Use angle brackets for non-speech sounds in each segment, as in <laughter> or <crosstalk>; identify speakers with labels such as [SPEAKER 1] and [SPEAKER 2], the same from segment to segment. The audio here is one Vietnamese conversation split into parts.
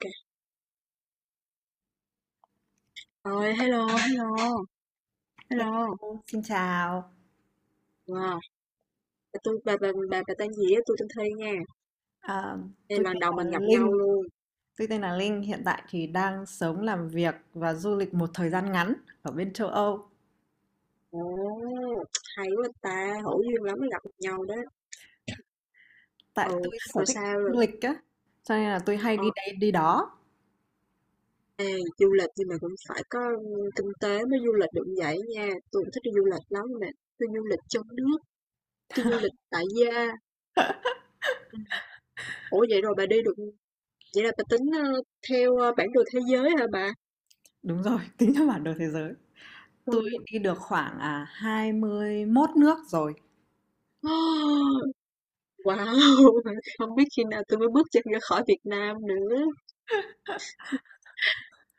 [SPEAKER 1] Kê. Rồi, hello, hello, hello.
[SPEAKER 2] Hello, xin chào.
[SPEAKER 1] Wow, bà tui bà tên gì á? Tôi tên Thi nha.
[SPEAKER 2] À,
[SPEAKER 1] Đây
[SPEAKER 2] tôi
[SPEAKER 1] là lần
[SPEAKER 2] tên
[SPEAKER 1] đầu mình
[SPEAKER 2] là
[SPEAKER 1] gặp nhau
[SPEAKER 2] Linh.
[SPEAKER 1] luôn.
[SPEAKER 2] Tôi tên là Linh. Hiện tại thì đang sống, làm việc và du lịch một thời gian ngắn ở bên châu Âu.
[SPEAKER 1] Ồ, hay quá ta, hữu duyên lắm mới gặp được nhau đó.
[SPEAKER 2] Tại
[SPEAKER 1] Ừ,
[SPEAKER 2] tôi sở
[SPEAKER 1] rồi
[SPEAKER 2] thích
[SPEAKER 1] sao? Rồi?
[SPEAKER 2] du lịch á, cho nên là tôi hay
[SPEAKER 1] Ờ,
[SPEAKER 2] đi đây đi đó.
[SPEAKER 1] ê, du lịch nhưng mà cũng phải có kinh tế mới du lịch được vậy nha. Tôi cũng thích đi du lịch lắm nè. Tôi du lịch trong nước, tôi du lịch tại gia. Ừ. Ủa vậy rồi bà đi được, vậy là bà tính theo bản đồ thế giới hả bà?
[SPEAKER 2] Đúng rồi, <laughs> tính theo bản đồ thế giới. Tôi
[SPEAKER 1] Ôi,
[SPEAKER 2] đi được khoảng 21 nước rồi.
[SPEAKER 1] <gasps> Wow! <laughs> Không biết khi nào tôi mới bước chân ra khỏi Việt Nam nữa.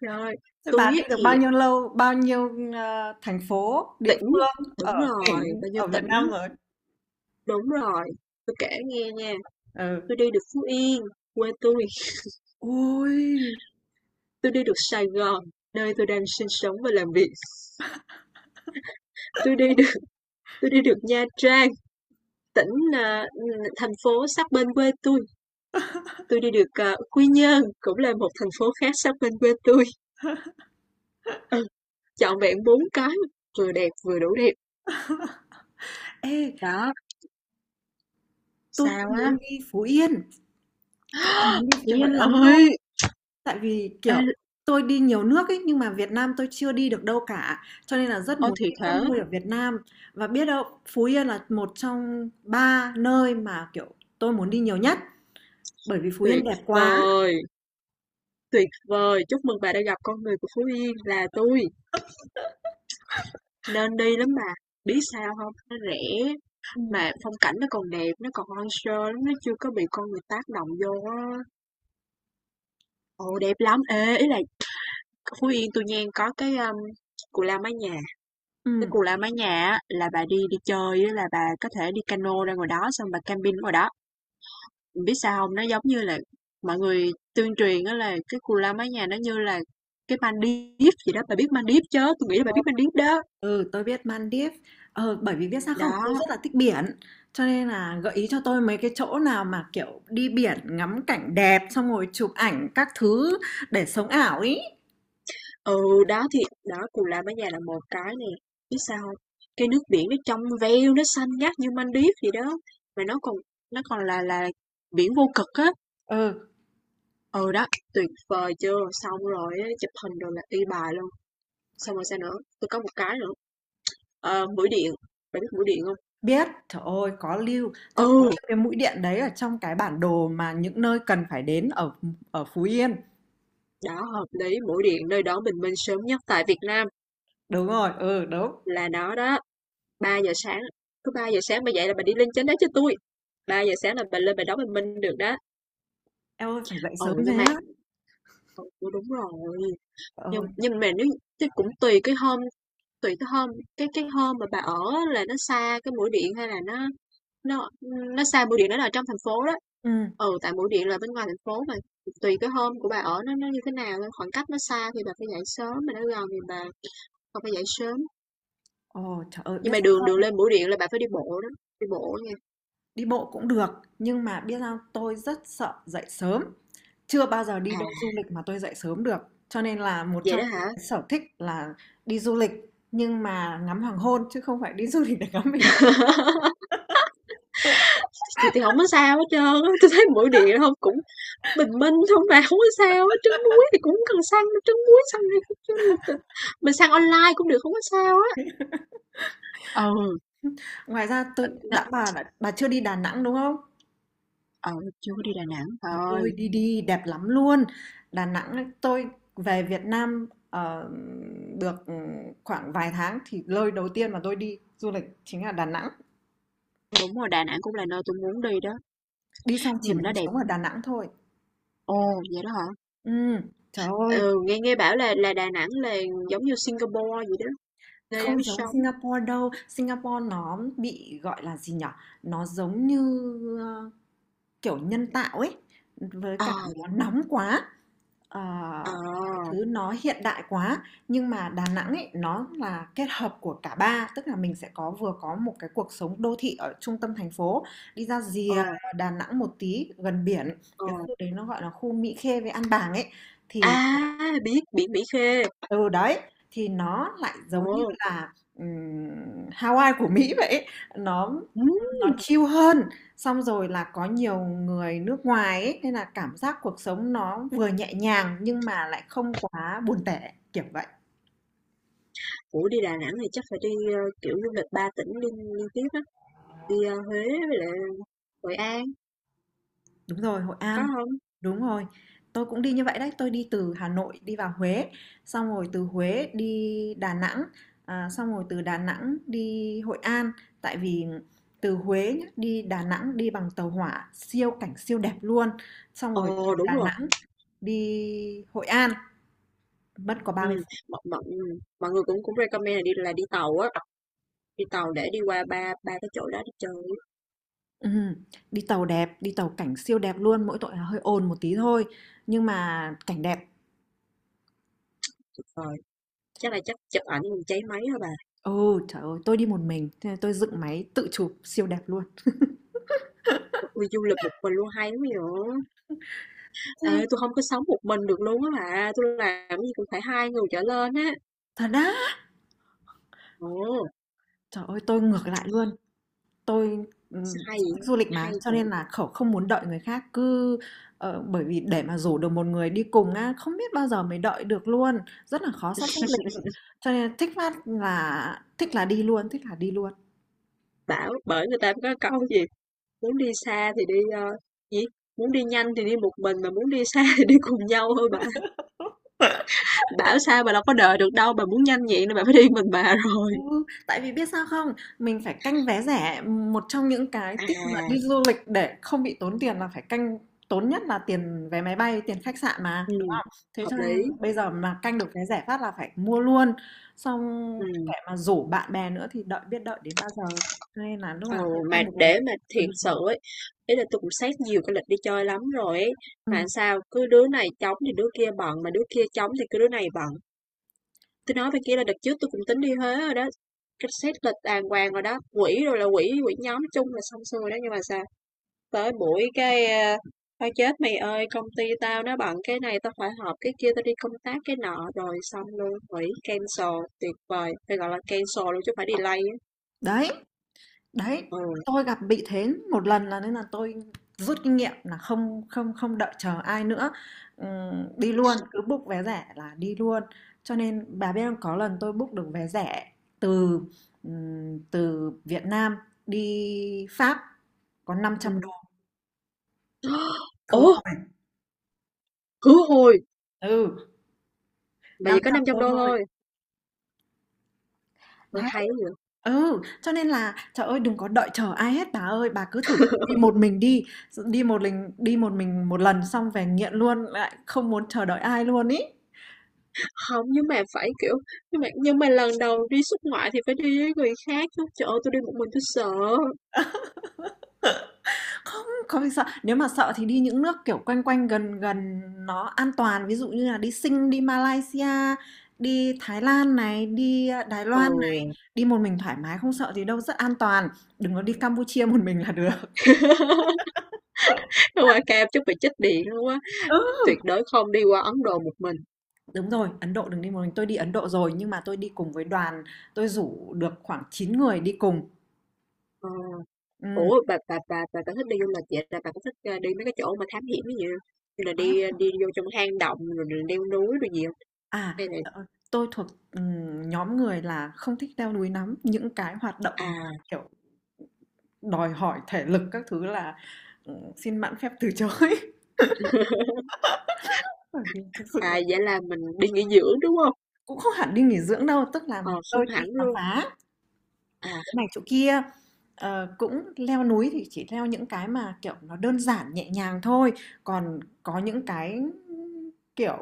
[SPEAKER 1] Rồi
[SPEAKER 2] Thế
[SPEAKER 1] tôi
[SPEAKER 2] bà
[SPEAKER 1] tui
[SPEAKER 2] đi
[SPEAKER 1] á
[SPEAKER 2] được
[SPEAKER 1] thì
[SPEAKER 2] bao nhiêu lâu, bao nhiêu thành phố, địa
[SPEAKER 1] tỉnh
[SPEAKER 2] phương
[SPEAKER 1] đúng
[SPEAKER 2] ở
[SPEAKER 1] rồi,
[SPEAKER 2] tỉnh
[SPEAKER 1] bao nhiêu
[SPEAKER 2] ở Việt
[SPEAKER 1] tỉnh,
[SPEAKER 2] Nam rồi?
[SPEAKER 1] đúng rồi, tôi kể nghe nha.
[SPEAKER 2] Ừ.
[SPEAKER 1] Tôi đi được Phú Yên, quê tôi.
[SPEAKER 2] Ôi,
[SPEAKER 1] Tôi đi được Sài Gòn, nơi tôi đang sinh sống và làm việc. tôi đi được tôi đi được Nha Trang, tỉnh, à, thành phố sát bên quê tôi. Tôi đi được, Quy Nhơn, cũng là một thành phố khác sát bên quê tôi. Ừ, trọn vẹn 4 cái, vừa đẹp vừa đủ đẹp.
[SPEAKER 2] <laughs> ê,
[SPEAKER 1] Đó,
[SPEAKER 2] tôi
[SPEAKER 1] sao
[SPEAKER 2] cũng
[SPEAKER 1] á.
[SPEAKER 2] muốn đi Phú Yên. Tôi cũng muốn đi
[SPEAKER 1] <gasps>
[SPEAKER 2] Phú Yên
[SPEAKER 1] Trời
[SPEAKER 2] lắm luôn,
[SPEAKER 1] ơi!
[SPEAKER 2] tại vì,
[SPEAKER 1] Ê,
[SPEAKER 2] kiểu, tôi đi nhiều nước ấy, nhưng mà Việt Nam tôi chưa đi được đâu cả, cho nên là rất
[SPEAKER 1] ơ,
[SPEAKER 2] muốn
[SPEAKER 1] thiệt
[SPEAKER 2] đi các
[SPEAKER 1] hả?
[SPEAKER 2] nơi ở Việt Nam. Và biết đâu Phú Yên là một trong 3 nơi mà, kiểu, tôi muốn đi nhiều nhất, bởi vì Phú Yên
[SPEAKER 1] Tuyệt
[SPEAKER 2] đẹp quá.
[SPEAKER 1] vời, tuyệt vời! Chúc mừng bà đã gặp con người của Phú Yên là tôi. Nên đi lắm bà. Biết sao không? Nó rẻ,
[SPEAKER 2] Ừm,
[SPEAKER 1] mà phong cảnh nó còn đẹp, nó còn hoang sơ lắm, nó chưa có bị con người tác động vô á. Ồ, đẹp lắm! Ê, ý là Phú Yên tôi nha có cái, Cù Lao Mái Nhà. Cái
[SPEAKER 2] ừm,
[SPEAKER 1] Cù Lao Mái Nhà á, là bà đi đi chơi á là bà có thể đi cano ra ngoài đó xong bà camping ở ngoài đó. Biết sao không? Nó giống như là mọi người tuyên truyền đó, là cái cù la mái nhà nó như là cái Maldives gì đó, bà biết Maldives chứ, tôi nghĩ là bà biết
[SPEAKER 2] rồi,
[SPEAKER 1] Maldives đó.
[SPEAKER 2] ừ, tôi biết Maldives. Ờ, bởi vì biết sao không? Tôi
[SPEAKER 1] Đó,
[SPEAKER 2] rất là thích biển, cho nên là gợi ý cho tôi mấy cái chỗ nào mà, kiểu, đi biển ngắm cảnh đẹp, xong rồi chụp ảnh các thứ để sống ảo ý.
[SPEAKER 1] ừ, đó thì đó, cù la mái nhà là một cái nè, biết sao không? Cái nước biển nó trong veo, nó xanh ngắt như Maldives gì đó, mà nó còn là biển vô cực á.
[SPEAKER 2] Ừ.
[SPEAKER 1] Ừ, đó, tuyệt vời chưa? Xong rồi chụp hình rồi là y bài luôn. Xong rồi sao nữa? Tôi có một cái nữa, mũi điện, bà biết mũi điện không?
[SPEAKER 2] Biết, trời ơi, có lưu, tôi có
[SPEAKER 1] Ừ.
[SPEAKER 2] lưu cái mũi điện đấy ở trong cái bản đồ mà những nơi cần phải đến ở ở Phú Yên.
[SPEAKER 1] Đó, hợp lý, mũi điện nơi đón bình minh sớm nhất tại Việt Nam
[SPEAKER 2] Đúng rồi, ừ, đúng.
[SPEAKER 1] là nó đó. 3 giờ sáng, cứ 3 giờ sáng bà dậy là bà đi lên trên đó cho tôi. 3 giờ sáng là bà lên bà đón bình minh được đó.
[SPEAKER 2] Em ơi, phải dậy sớm
[SPEAKER 1] Ồ nhưng
[SPEAKER 2] thế
[SPEAKER 1] mà
[SPEAKER 2] á.
[SPEAKER 1] ừ, đúng rồi,
[SPEAKER 2] Trời
[SPEAKER 1] nhưng
[SPEAKER 2] ơi.
[SPEAKER 1] nhưng mà nếu chứ cũng tùy cái hôm, cái hôm mà bà ở là nó xa cái mũi điện hay là nó nó nó xa mũi điện, nó là trong thành phố đó.
[SPEAKER 2] Ừ.
[SPEAKER 1] Ừ, tại mũi điện là bên ngoài thành phố mà tùy cái hôm của bà ở nó như thế nào thôi, khoảng cách nó xa thì bà phải dậy sớm, mà nó gần thì bà phải dậy sớm.
[SPEAKER 2] Ồ, trời ơi,
[SPEAKER 1] Nhưng
[SPEAKER 2] biết
[SPEAKER 1] mà đường
[SPEAKER 2] sao
[SPEAKER 1] đường
[SPEAKER 2] không?
[SPEAKER 1] lên Bưu Điện là bạn phải đi bộ đó, đi bộ nha.
[SPEAKER 2] Đi bộ cũng được, nhưng mà biết sao tôi rất sợ dậy sớm. Chưa bao giờ đi
[SPEAKER 1] À,
[SPEAKER 2] đâu du lịch mà tôi dậy sớm được. Cho nên là một
[SPEAKER 1] vậy
[SPEAKER 2] trong
[SPEAKER 1] đó
[SPEAKER 2] những
[SPEAKER 1] hả?
[SPEAKER 2] cái sở thích là đi du lịch nhưng mà ngắm hoàng hôn chứ không phải đi <laughs> du lịch để ngắm bình.
[SPEAKER 1] <laughs>
[SPEAKER 2] <laughs>
[SPEAKER 1] Thì không có sao hết trơn, tôi thấy Bưu Điện không cũng bình minh thôi mà, không có sao hết, trứng muối thì cũng cần săn đâu, trứng muối săn đi, mình săn online cũng được, không có sao á. Ừ,
[SPEAKER 2] Ngoài ra tôi đã, bà chưa đi Đà Nẵng đúng không?
[SPEAKER 1] ờ, chưa có đi Đà Nẵng,
[SPEAKER 2] Ôi,
[SPEAKER 1] trời
[SPEAKER 2] đi đi, đẹp lắm luôn. Đà Nẵng ấy, tôi về Việt Nam được khoảng vài tháng thì nơi đầu tiên mà tôi đi du lịch chính là Đà Nẵng.
[SPEAKER 1] đúng rồi, Đà Nẵng cũng là nơi tôi muốn đi đó,
[SPEAKER 2] Đi xong chỉ
[SPEAKER 1] nghe mà
[SPEAKER 2] muốn
[SPEAKER 1] nói đẹp.
[SPEAKER 2] sống ở Đà Nẵng thôi.
[SPEAKER 1] Ồ, vậy đó hả?
[SPEAKER 2] Ừ, trời ơi,
[SPEAKER 1] Ừ, nghe nghe bảo là Đà Nẵng là giống như Singapore vậy đó, nơi đáng
[SPEAKER 2] không giống
[SPEAKER 1] sống.
[SPEAKER 2] Singapore đâu. Singapore nó bị gọi là gì nhở? Nó giống như ờ, kiểu nhân tạo ấy. Với
[SPEAKER 1] Ờ,
[SPEAKER 2] cả nó nóng quá. Ờ,
[SPEAKER 1] ờ,
[SPEAKER 2] mọi thứ nó hiện đại quá, nhưng mà Đà Nẵng ấy, nó là kết hợp của cả ba, tức là mình sẽ có vừa có một cái cuộc sống đô thị ở trung tâm thành phố, đi ra
[SPEAKER 1] ờ,
[SPEAKER 2] rìa Đà Nẵng một tí gần biển,
[SPEAKER 1] ờ.
[SPEAKER 2] cái khu đấy nó gọi là khu Mỹ Khê với An Bàng ấy,
[SPEAKER 1] À,
[SPEAKER 2] thì
[SPEAKER 1] biết biển Mỹ Khê.
[SPEAKER 2] từ đấy thì nó lại giống như
[SPEAKER 1] Ồ.
[SPEAKER 2] là Hawaii của Mỹ vậy ấy. Nó
[SPEAKER 1] Ừ.
[SPEAKER 2] nó chill hơn, xong rồi là có nhiều người nước ngoài ấy, nên là cảm giác cuộc sống nó vừa nhẹ nhàng nhưng mà lại không quá buồn tẻ, kiểu vậy.
[SPEAKER 1] Ủa đi Đà Nẵng thì chắc phải đi kiểu du lịch ba tỉnh liên liên tiếp á, đi Huế với lại Hội An,
[SPEAKER 2] Đúng rồi, Hội
[SPEAKER 1] có
[SPEAKER 2] An,
[SPEAKER 1] không?
[SPEAKER 2] đúng rồi. Tôi cũng đi như vậy đấy, tôi đi từ Hà Nội đi vào Huế, xong rồi từ Huế đi Đà Nẵng, xong rồi từ Đà Nẵng đi Hội An, tại vì từ Huế nhá, đi Đà Nẵng đi bằng tàu hỏa, siêu cảnh siêu đẹp luôn. Xong rồi từ
[SPEAKER 1] Ồ đúng
[SPEAKER 2] Đà
[SPEAKER 1] rồi.
[SPEAKER 2] Nẵng đi Hội An mất có ba
[SPEAKER 1] Ừ,
[SPEAKER 2] mươi
[SPEAKER 1] mọi mọi ừ, mọi người cũng cũng recommend là đi đi tàu á, đi tàu để đi qua ba ba cái chỗ đó đi chơi á.
[SPEAKER 2] Ừm, đi tàu đẹp, đi tàu cảnh siêu đẹp luôn, mỗi tội là hơi ồn một tí thôi, nhưng mà cảnh đẹp.
[SPEAKER 1] Tuyệt vời. Chắc là chắc chụp ảnh còn cháy máy hả bà.
[SPEAKER 2] Ừ, trời ơi, tôi đi một mình, thế là tôi dựng máy tự chụp siêu đẹp luôn.
[SPEAKER 1] Ui, du lịch một mình luôn hay lắm vậy.
[SPEAKER 2] Ừ.
[SPEAKER 1] Ê, tôi không có sống một mình được luôn á bà. Tôi làm cái gì cũng phải hai người trở lên á.
[SPEAKER 2] Thật á,
[SPEAKER 1] Ồ,
[SPEAKER 2] trời ơi, tôi ngược lại luôn, tôi
[SPEAKER 1] sao hay
[SPEAKER 2] sở
[SPEAKER 1] vậy?
[SPEAKER 2] thích du lịch
[SPEAKER 1] Hay
[SPEAKER 2] mà, cho nên là khẩu không muốn đợi người khác, cứ bởi vì để mà rủ được một người đi cùng á, không biết bao giờ mới đợi được luôn, rất là khó sắp xếp lịch, cho nên thích phát là thích là đi luôn, thích là đi luôn.
[SPEAKER 1] Bảo bởi người ta có câu gì, muốn đi xa thì đi, gì, muốn đi nhanh thì đi một mình, mà muốn đi xa thì đi cùng nhau thôi bà. Bảo sao bà đâu có đợi được đâu, bà muốn nhanh vậy nên bà phải đi mình bà <laughs> rồi.
[SPEAKER 2] Ừ, tại vì biết sao không? Mình phải canh vé rẻ, một trong những cái tip mà đi
[SPEAKER 1] À,
[SPEAKER 2] du lịch để không bị tốn tiền là phải canh tốn nhất là tiền vé máy bay, tiền khách sạn mà.
[SPEAKER 1] ừm,
[SPEAKER 2] Thế
[SPEAKER 1] hợp
[SPEAKER 2] cho
[SPEAKER 1] lý,
[SPEAKER 2] nên bây giờ mà canh được vé rẻ phát là phải mua luôn. Xong kẻ
[SPEAKER 1] ừ,
[SPEAKER 2] mà rủ bạn bè nữa thì đợi biết đợi đến bao giờ. Cho nên là lúc nào
[SPEAKER 1] ồ,
[SPEAKER 2] tôi
[SPEAKER 1] mà
[SPEAKER 2] canh được vé
[SPEAKER 1] để mà
[SPEAKER 2] tôi
[SPEAKER 1] thiệt
[SPEAKER 2] đi luôn.
[SPEAKER 1] sự ấy, ý là tôi cũng xét nhiều cái lịch đi chơi lắm rồi ấy,
[SPEAKER 2] Ừ.
[SPEAKER 1] mà sao cứ đứa này trống thì đứa kia bận, mà đứa kia trống thì cứ đứa này bận. Tôi nói bên kia là đợt trước tôi cũng tính đi Huế rồi đó, cái xét lịch đàng hoàng rồi đó, quỹ rồi là quỹ quỹ nhóm chung là xong xuôi đó nhưng mà sao tới buổi cái, a, "Thôi chết mày ơi, công ty tao nó bận cái này tao phải họp cái kia, tao đi công tác cái nọ" rồi xong luôn, hủy, cancel, tuyệt vời, phải gọi là cancel luôn chứ không phải delay á.
[SPEAKER 2] Đấy. Đấy,
[SPEAKER 1] Ừ,
[SPEAKER 2] tôi gặp bị thế một lần là nên là tôi rút kinh nghiệm là không không không đợi chờ ai nữa, đi luôn,
[SPEAKER 1] thiệt.
[SPEAKER 2] cứ book vé rẻ là đi luôn. Cho nên bà biết không, có lần tôi book được vé rẻ từ từ Việt Nam đi Pháp có 500 đô
[SPEAKER 1] <gasps>
[SPEAKER 2] khứ
[SPEAKER 1] Ủa,
[SPEAKER 2] hồi.
[SPEAKER 1] khứ hồi,
[SPEAKER 2] Ừ,
[SPEAKER 1] mà
[SPEAKER 2] năm
[SPEAKER 1] chỉ có
[SPEAKER 2] trăm
[SPEAKER 1] 500
[SPEAKER 2] đô
[SPEAKER 1] đô
[SPEAKER 2] thôi.
[SPEAKER 1] thôi, ôi hay quá vậy.
[SPEAKER 2] Ừ, cho nên là, trời ơi, đừng có đợi chờ ai hết bà ơi, bà cứ thử đi một
[SPEAKER 1] <laughs>
[SPEAKER 2] mình đi, đi một mình một lần xong về nghiện luôn, lại không muốn chờ đợi ai luôn ý.
[SPEAKER 1] Hông, nhưng mà phải, kiểu, nhưng mà lần đầu đi xuất ngoại thì phải đi với người khác chứ, trời ơi, tui đi một mình tui sợ.
[SPEAKER 2] Không, có gì sợ, nếu mà sợ thì đi những nước kiểu quanh quanh gần gần nó an toàn, ví dụ như là đi Sing, đi Malaysia, đi Thái Lan này, đi Đài
[SPEAKER 1] Ừ.
[SPEAKER 2] Loan này, đi một mình thoải mái không sợ gì đâu, rất an toàn. Đừng có đi Campuchia một mình là được.
[SPEAKER 1] <laughs> Qua Cam chắc bị chích điện luôn á,
[SPEAKER 2] <laughs> Ừ.
[SPEAKER 1] tuyệt đối không đi qua Ấn Độ một mình.
[SPEAKER 2] Đúng rồi, Ấn Độ đừng đi một mình. Tôi đi Ấn Độ rồi nhưng mà tôi đi cùng với đoàn, tôi rủ được khoảng chín người đi cùng.
[SPEAKER 1] Ờ.
[SPEAKER 2] Ừm.
[SPEAKER 1] Ủa, bà thích đi du lịch vậy là bà có thích, đi mấy cái chỗ mà thám hiểm giống như như là đi,
[SPEAKER 2] Đó.
[SPEAKER 1] đi vô trong hang động rồi rồi leo núi rồi gì không?
[SPEAKER 2] À,
[SPEAKER 1] Hay là
[SPEAKER 2] ờ, tôi thuộc nhóm người là không thích leo núi lắm, những cái hoạt động
[SPEAKER 1] à.
[SPEAKER 2] kiểu đòi hỏi thể lực các thứ là xin mạn phép từ chối. <laughs>
[SPEAKER 1] <laughs>
[SPEAKER 2] Bởi vì thực sự
[SPEAKER 1] À, vậy là mình đi nghỉ dưỡng, đúng không?
[SPEAKER 2] cũng không hẳn đi nghỉ dưỡng đâu, tức là
[SPEAKER 1] Ờ, không
[SPEAKER 2] tôi đi
[SPEAKER 1] hẳn
[SPEAKER 2] khám
[SPEAKER 1] luôn.
[SPEAKER 2] phá
[SPEAKER 1] À,
[SPEAKER 2] chỗ
[SPEAKER 1] không,
[SPEAKER 2] này chỗ kia. Ờ, cũng leo núi thì chỉ leo những cái mà, kiểu, nó đơn giản nhẹ nhàng thôi, còn có những cái, kiểu,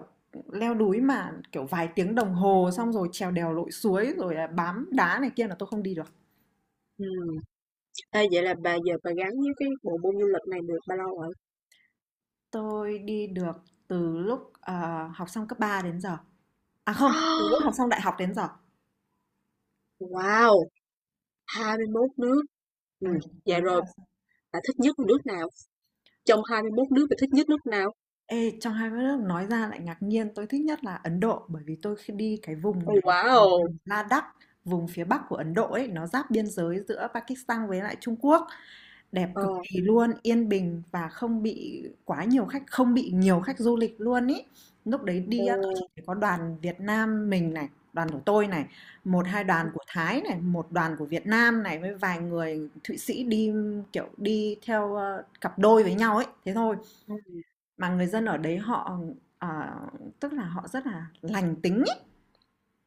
[SPEAKER 2] leo núi mà, kiểu, vài tiếng đồng hồ xong rồi trèo đèo lội suối rồi là bám đá này kia là tôi không đi được.
[SPEAKER 1] ừm, ê, vậy là bà giờ bà gắn với cái bộ môn du lịch này được bao lâu rồi?
[SPEAKER 2] Tôi đi được từ lúc, học xong cấp 3 đến giờ. À, không, từ lúc học xong
[SPEAKER 1] <gasps>
[SPEAKER 2] đại học đến giờ.
[SPEAKER 1] Wow, 21 nước. Ừ,
[SPEAKER 2] Ừm, từ
[SPEAKER 1] vậy
[SPEAKER 2] lúc
[SPEAKER 1] rồi
[SPEAKER 2] là
[SPEAKER 1] bà thích nhất là nước nào? Trong 21 nước bà thích nhất nước nào?
[SPEAKER 2] Ê, trong hai đất nước nói ra lại ngạc nhiên, tôi thích nhất là Ấn Độ bởi vì tôi khi đi cái vùng
[SPEAKER 1] Oh
[SPEAKER 2] đấy là
[SPEAKER 1] wow!
[SPEAKER 2] vùng Ladakh, vùng phía bắc của Ấn Độ ấy, nó giáp biên giới giữa Pakistan với lại Trung Quốc, đẹp
[SPEAKER 1] Ờ,
[SPEAKER 2] cực kỳ luôn, yên bình và không bị quá nhiều khách, không bị nhiều khách du lịch luôn ý. Lúc đấy
[SPEAKER 1] ờ,
[SPEAKER 2] đi á, tôi chỉ thấy có đoàn Việt Nam mình này, đoàn của tôi này, một hai đoàn
[SPEAKER 1] ừm,
[SPEAKER 2] của Thái này, một đoàn của Việt Nam này với vài người Thụy Sĩ đi kiểu đi theo cặp đôi với nhau ấy, thế thôi
[SPEAKER 1] ừm,
[SPEAKER 2] mà người dân ở đấy họ, ờ, tức là họ rất là lành tính ấy.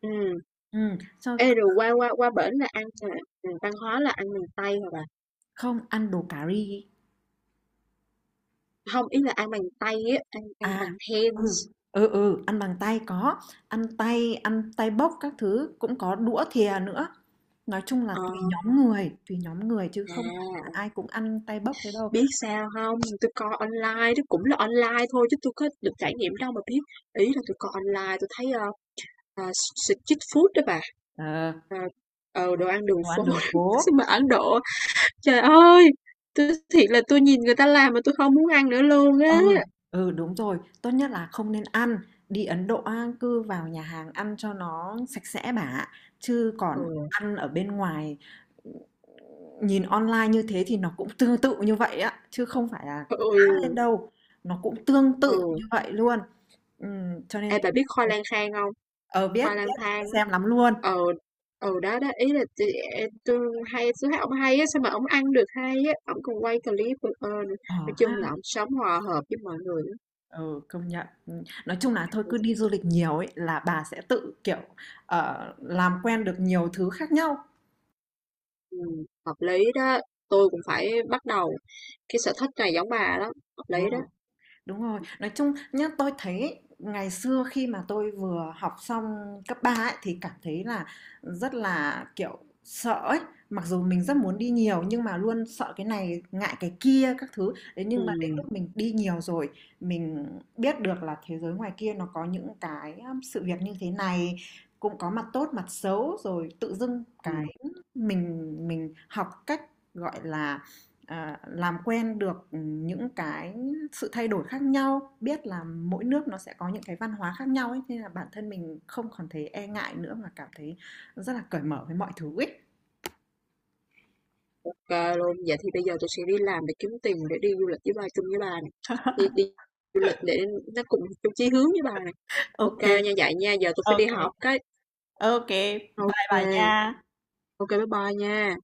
[SPEAKER 1] ừm.
[SPEAKER 2] Cho
[SPEAKER 1] Ê, rồi qua qua qua bển là ăn là văn hóa là ăn bằng tay hả bà?
[SPEAKER 2] không, ăn đồ cà ri
[SPEAKER 1] Không, ý là ăn bằng tay á, ăn ăn
[SPEAKER 2] à,
[SPEAKER 1] bằng hands.
[SPEAKER 2] ừ, ừ, ừ, ăn bằng tay có, ăn tay bốc các thứ, cũng có đũa thìa nữa. Nói chung là
[SPEAKER 1] Ờ,
[SPEAKER 2] tùy nhóm người chứ
[SPEAKER 1] à,
[SPEAKER 2] không phải là ai cũng ăn tay bốc thế đâu.
[SPEAKER 1] biết sao không? Tôi coi online, tôi cũng là online thôi chứ tôi có được trải nghiệm đâu mà biết. Ý là tôi coi online, tôi thấy à, street food đó bà.
[SPEAKER 2] Ờ,
[SPEAKER 1] À, ờ, đồ ăn đường
[SPEAKER 2] đồ
[SPEAKER 1] phố.
[SPEAKER 2] ăn đường
[SPEAKER 1] <laughs>
[SPEAKER 2] phố.
[SPEAKER 1] Sao mà Ấn Độ, trời ơi! Tôi thiệt là tôi nhìn người ta làm mà tôi không muốn ăn nữa luôn á.
[SPEAKER 2] Ừ, ừ, đúng rồi, tốt nhất là không nên ăn. Đi Ấn Độ á, cứ vào nhà hàng ăn cho nó sạch sẽ bà ạ. Chứ còn
[SPEAKER 1] Ừ,
[SPEAKER 2] ăn ở bên ngoài nhìn online như thế thì nó cũng tương tự như vậy á, chứ không phải là
[SPEAKER 1] ôi,
[SPEAKER 2] quá lên đâu. Nó cũng tương tự
[SPEAKER 1] ừ.
[SPEAKER 2] như vậy luôn. Cho nên
[SPEAKER 1] Ê,
[SPEAKER 2] tốt
[SPEAKER 1] bà biết
[SPEAKER 2] nhất
[SPEAKER 1] khoai lang khang không?
[SPEAKER 2] ờ biết
[SPEAKER 1] Hoa lang
[SPEAKER 2] biết
[SPEAKER 1] thang
[SPEAKER 2] phải
[SPEAKER 1] á.
[SPEAKER 2] xem lắm luôn.
[SPEAKER 1] Ừ, ừ đó đó ý là chị tôi hay tôi thấy ông hay á sao mà ông ăn được hay á, ông còn quay clip burger nữa,
[SPEAKER 2] Ờ
[SPEAKER 1] nói chung là
[SPEAKER 2] ha,
[SPEAKER 1] ông sống hòa hợp với mọi người á.
[SPEAKER 2] ừ công nhận. Ừ, nói chung là thôi cứ đi du lịch nhiều ấy là bà sẽ tự kiểu làm quen được nhiều thứ khác nhau.
[SPEAKER 1] Ừ, hợp lý đó, tôi cũng phải bắt đầu cái sở thích này giống bà đó, hợp
[SPEAKER 2] Ừ.
[SPEAKER 1] lý đó,
[SPEAKER 2] Đúng rồi, nói chung nhá, tôi thấy ngày xưa khi mà tôi vừa học xong cấp 3 ấy, thì cảm thấy là rất là kiểu sợ ấy, mặc dù mình rất muốn đi nhiều nhưng mà luôn sợ cái này, ngại cái kia các thứ. Thế
[SPEAKER 1] ừ,
[SPEAKER 2] nhưng mà đến lúc mình đi nhiều rồi, mình biết được là thế giới ngoài kia nó có những cái sự việc như thế này, cũng có mặt tốt, mặt xấu rồi tự dưng
[SPEAKER 1] ừ,
[SPEAKER 2] cái mình học cách gọi là làm quen được những cái sự thay đổi khác nhau biết là mỗi nước nó sẽ có những cái văn hóa khác nhau ấy nên là bản thân mình không còn thấy e ngại nữa mà cảm thấy rất là cởi mở với mọi thứ ấy
[SPEAKER 1] ok luôn. Vậy thì bây giờ tôi sẽ đi làm để kiếm tiền để đi du lịch với bà, chung với bà này. Đi, đi du lịch để nó cùng chung chí hướng với bà này, ok nha. Vậy nha giờ tôi phải đi họp cái, ok, ok, bye bye nha.